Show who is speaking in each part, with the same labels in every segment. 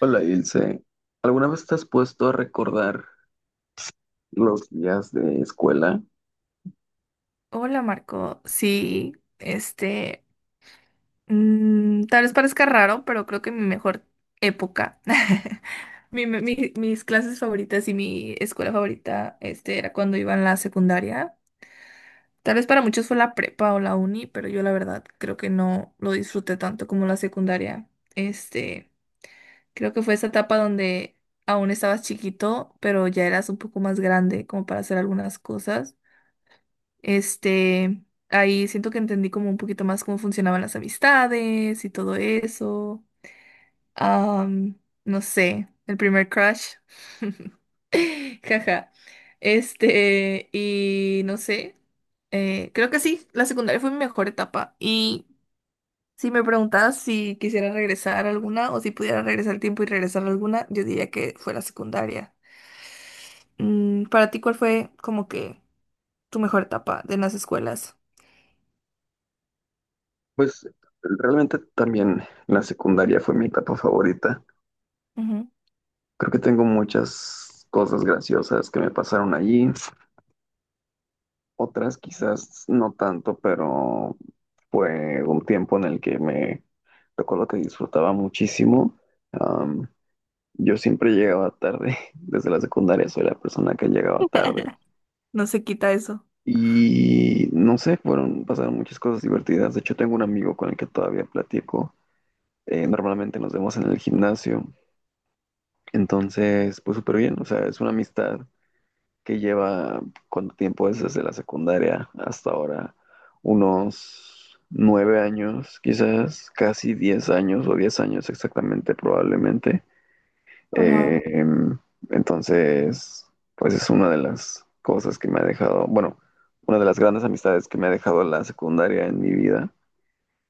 Speaker 1: Hola, Ilse. ¿Alguna vez te has puesto a recordar los días de escuela?
Speaker 2: Hola Marco, sí, este, tal vez parezca raro, pero creo que mi mejor época, mis clases favoritas y mi escuela favorita, era cuando iba en la secundaria. Tal vez para muchos fue la prepa o la uni, pero yo la verdad creo que no lo disfruté tanto como la secundaria. Este, creo que fue esa etapa donde aún estabas chiquito, pero ya eras un poco más grande como para hacer algunas cosas. Este, ahí siento que entendí como un poquito más cómo funcionaban las amistades y todo eso. Am, no sé, el primer crush. Jaja. Y no sé. Creo que sí, la secundaria fue mi mejor etapa. Y si me preguntas si quisiera regresar a alguna o si pudiera regresar el tiempo y regresar a alguna, yo diría que fue la secundaria. Para ti, ¿cuál fue como que tu mejor etapa de las escuelas?
Speaker 1: Pues realmente también la secundaria fue mi etapa favorita.
Speaker 2: Ujú.
Speaker 1: Creo que tengo muchas cosas graciosas que me pasaron allí, otras quizás no tanto, pero fue un tiempo en el que me recuerdo que disfrutaba muchísimo. Am, yo siempre llegaba tarde, desde la secundaria soy la persona que llegaba tarde.
Speaker 2: No se quita eso.
Speaker 1: Y no sé, fueron, pasaron muchas cosas divertidas. De hecho, tengo un amigo con el que todavía platico. Normalmente nos vemos en el gimnasio. Entonces, pues súper bien, o sea, es una amistad que lleva, ¿cuánto tiempo es desde la secundaria hasta ahora? Unos 9 años, quizás casi 10 años o 10 años exactamente, probablemente. Eh, em, entonces, pues es una de las cosas que me ha dejado, bueno, una de las grandes amistades que me ha dejado la secundaria en mi vida.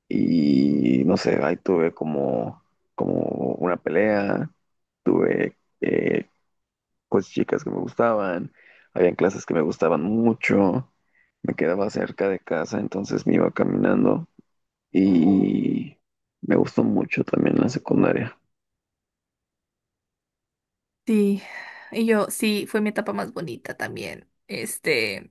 Speaker 1: Y no sé, ahí tuve como, como una pelea, tuve pues chicas que me gustaban, habían clases que me gustaban mucho, me quedaba cerca de casa, entonces me iba caminando y me gustó mucho también la secundaria.
Speaker 2: Sí, y yo sí, fue mi etapa más bonita también.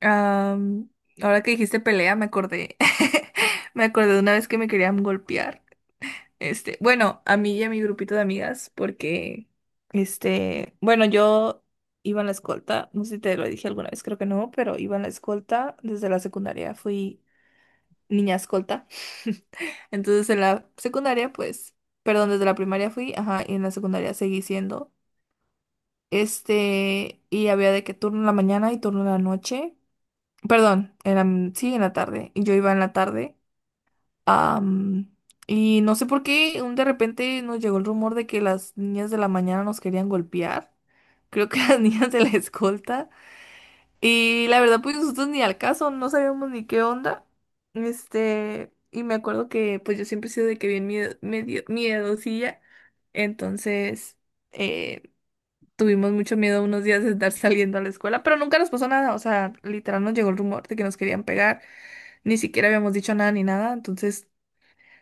Speaker 2: am, ahora que dijiste pelea, me acordé, me acordé de una vez que me querían golpear. Este, bueno, a mí y a mi grupito de amigas, porque, este, bueno, yo iba en la escolta, no sé si te lo dije alguna vez, creo que no, pero iba en la escolta desde la secundaria, fui niña escolta. Entonces en la secundaria, pues, perdón, desde la primaria fui, ajá, y en la secundaria seguí siendo. Y había de que turno en la mañana y turno en la noche. Perdón, sí, en la tarde. Y yo iba en la tarde. am, y no sé por qué, un de repente nos llegó el rumor de que las niñas de la mañana nos querían golpear. Creo que las niñas de la escolta. Y la verdad, pues nosotros ni al caso, no sabíamos ni qué onda. Y me acuerdo que pues yo siempre he sido de que bien miedo, medio miedosilla. Entonces. eh, Tuvimos mucho miedo unos días de estar saliendo a la escuela, pero nunca nos pasó nada. O sea, literal nos llegó el rumor de que nos querían pegar. Ni siquiera habíamos dicho nada ni nada. Entonces,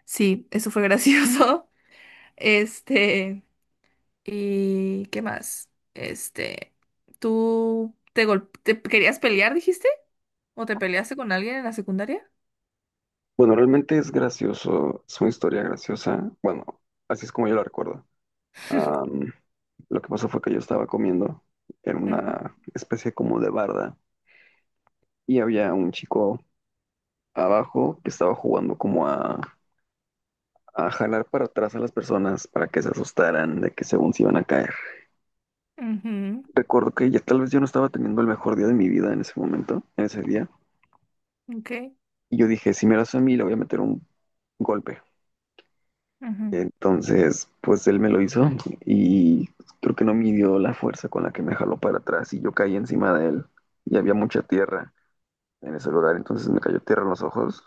Speaker 2: sí, eso fue gracioso. Este, ¿y qué más? Este, ¿tú te, te querías pelear, dijiste? ¿O te peleaste con alguien en la secundaria?
Speaker 1: Bueno, realmente es gracioso, es una historia graciosa. Bueno, así es como yo la recuerdo. Am, lo que pasó fue que yo estaba comiendo en
Speaker 2: Ujú.
Speaker 1: una especie como de barda y había un chico abajo que estaba jugando como a jalar para atrás a las personas para que se asustaran de que según se iban a caer.
Speaker 2: Ujú.
Speaker 1: Recuerdo que ya tal vez yo no estaba teniendo el mejor día de mi vida en ese momento, en ese día.
Speaker 2: Ok.
Speaker 1: Y yo dije, si me lo hace a mí, le voy a meter un golpe.
Speaker 2: Ujú.
Speaker 1: Entonces, pues él me lo hizo y creo que no midió la fuerza con la que me jaló para atrás y yo caí encima de él y había mucha tierra en ese lugar, entonces me cayó tierra en los ojos.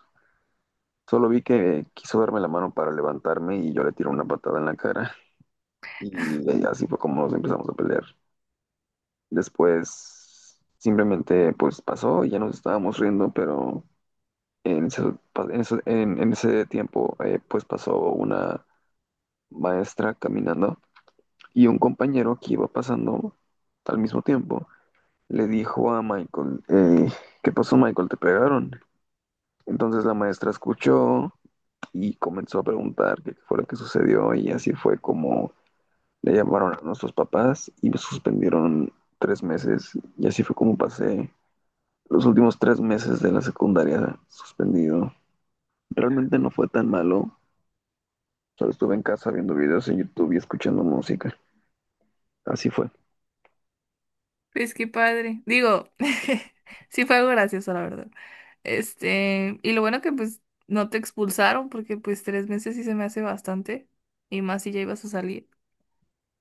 Speaker 1: Solo vi que quiso darme la mano para levantarme y yo le tiré una patada en la cara y así fue como nos empezamos a pelear. Después simplemente pues pasó, y ya nos estábamos riendo, pero En ese, pa- en ese tiempo, pues pasó una maestra caminando y un compañero que iba pasando al mismo tiempo le dijo a Michael, ¿qué pasó, Michael? ¿Te pegaron? Entonces la maestra escuchó y comenzó a preguntar qué fue lo que sucedió y así fue como le llamaron a nuestros papás y me suspendieron 3 meses y así fue como pasé los últimos 3 meses de la secundaria suspendido. Realmente no fue tan malo. Solo estuve en casa viendo videos en YouTube y escuchando música. Así fue. En
Speaker 2: Pues qué padre. Digo, sí fue algo gracioso, la verdad. Y lo bueno que pues no te expulsaron, porque pues tres meses sí se me hace bastante. Y más si ya ibas a salir.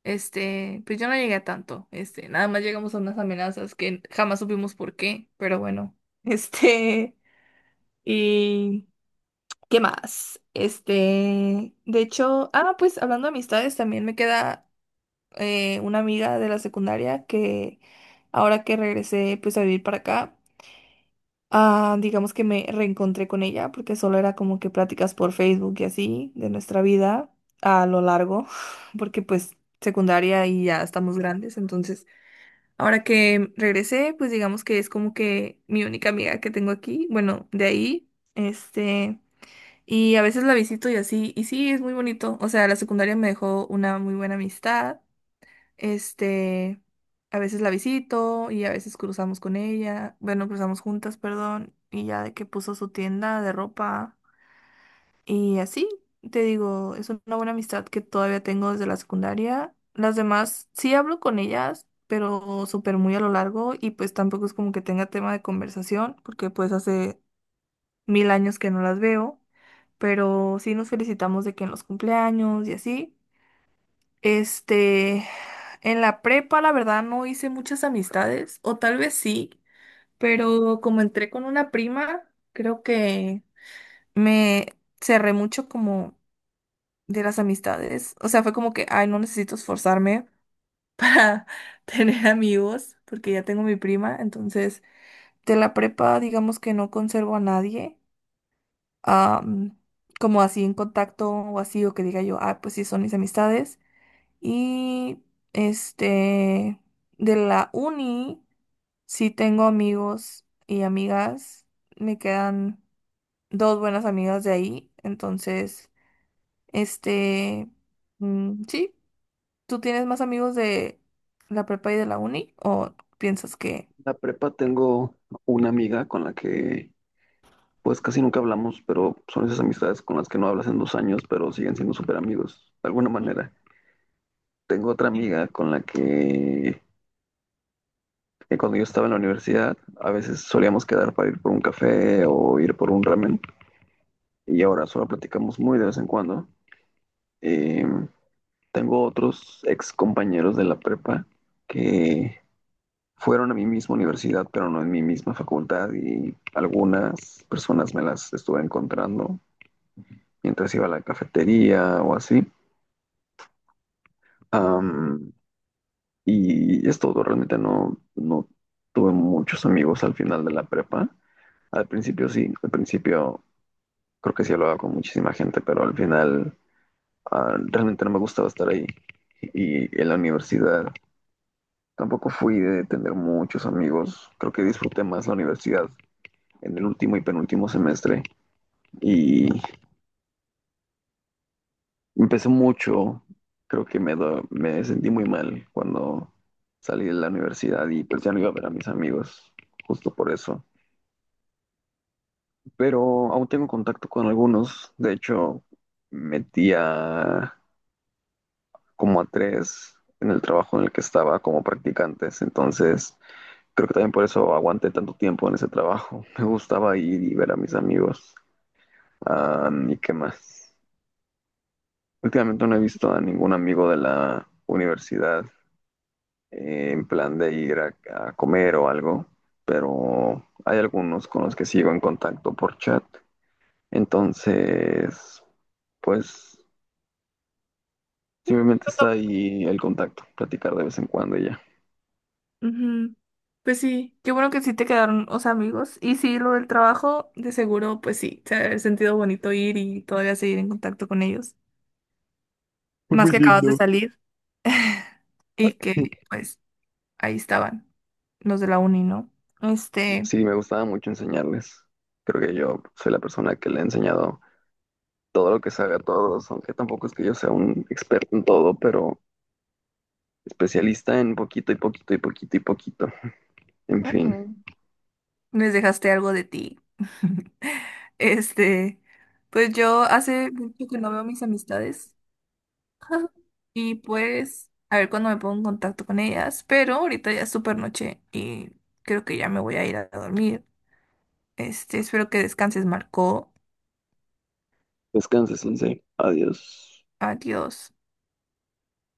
Speaker 2: Este, pues yo no llegué a tanto. Este, nada más llegamos a unas amenazas que jamás supimos por qué, pero bueno. Este, y ¿qué más? Este, de hecho, ah, pues hablando de amistades, también me queda una amiga de la secundaria que ahora que regresé pues a vivir para acá, ah, digamos que me reencontré con ella porque solo era como que pláticas por Facebook y así de nuestra vida a lo largo, porque pues secundaria y ya estamos grandes, entonces ahora que regresé pues digamos que es como que mi única amiga que tengo aquí, bueno, de ahí, este... Y a veces la visito y así, y sí, es muy bonito. O sea, la secundaria me dejó una muy buena amistad. Este, a veces la visito y a veces cruzamos con ella, bueno, cruzamos juntas, perdón, y ya de que puso su tienda de ropa y así, te digo, es una buena amistad que todavía tengo desde la secundaria. Las demás sí hablo con ellas, pero súper muy a lo largo y pues tampoco es como que tenga tema de conversación, porque pues hace mil años que no las veo, pero sí nos felicitamos de que en los cumpleaños y así. Este, en la prepa, la verdad, no hice muchas amistades, o tal vez sí, pero como entré con una prima, creo que me cerré mucho como de las amistades. O sea, fue como que, ay, no necesito esforzarme para tener amigos, porque ya tengo mi prima. Entonces, de la prepa, digamos que no conservo a nadie, am, como así en contacto o así, o que diga yo, ah, pues sí, son mis amistades. Y este, de la uni, sí tengo amigos y amigas. Me quedan dos buenas amigas de ahí. Entonces, este, sí, ¿tú tienes más amigos de la prepa y de la uni? ¿O piensas que...
Speaker 1: la prepa tengo una amiga con la que pues casi nunca hablamos, pero son esas amistades con las que no hablas en 2 años, pero siguen siendo súper amigos, de alguna manera. Tengo otra amiga que cuando yo estaba en la universidad a veces solíamos quedar para ir por un café o ir por un ramen y ahora solo platicamos muy de vez en cuando. Eh, Tengo otros ex compañeros de la prepa que fueron a mi misma universidad, pero no en mi misma facultad y algunas personas me las estuve encontrando mientras iba a la cafetería o así. Am, y es todo, realmente no, no tuve muchos amigos al final de la prepa. Al principio sí, al principio creo que sí hablaba con muchísima gente, pero al final realmente no me gustaba estar ahí. Y en la universidad tampoco fui de tener muchos amigos. Creo que disfruté más la universidad en el último y penúltimo semestre y empezó mucho. Creo que me sentí muy mal cuando salí de la universidad y pues ya no iba a ver a mis amigos, justo por eso. Pero aún tengo contacto con algunos. De hecho, metí a como a tres en el trabajo en el que estaba como practicantes. Entonces, creo que también por eso aguanté tanto tiempo en ese trabajo. Me gustaba ir y ver a mis amigos. Ah, ¿y qué más? Últimamente no he visto a ningún amigo de la universidad. En plan de ir a comer o algo, pero hay algunos con los que sigo en contacto por chat. Entonces, pues
Speaker 2: Sí.
Speaker 1: simplemente está ahí el contacto, platicar de vez en cuando y ya.
Speaker 2: Ujú. Pues sí, qué bueno que sí te quedaron, o sea, amigos. Y sí, lo del trabajo, de seguro, pues sí, se ha de haber sentido bonito ir y todavía seguir en contacto con ellos.
Speaker 1: Fue
Speaker 2: Más
Speaker 1: muy
Speaker 2: que acabas de
Speaker 1: lindo.
Speaker 2: salir y que pues ahí estaban los de la uni, ¿no? Este,
Speaker 1: Sí, me gustaba mucho enseñarles. Creo que yo soy la persona que le he enseñado todo lo que sabe a todos, aunque tampoco es que yo sea un experto en todo, pero especialista en poquito y poquito y poquito y poquito. En fin.
Speaker 2: ujú, les dejaste algo de ti. Este, pues yo hace mucho que no veo mis amistades y pues a ver cuándo me pongo en contacto con ellas, pero ahorita ya es súper noche y creo que ya me voy a ir a dormir. Este, espero que descanses, Marco.
Speaker 1: Descanse, Sensei. Adiós.
Speaker 2: Adiós.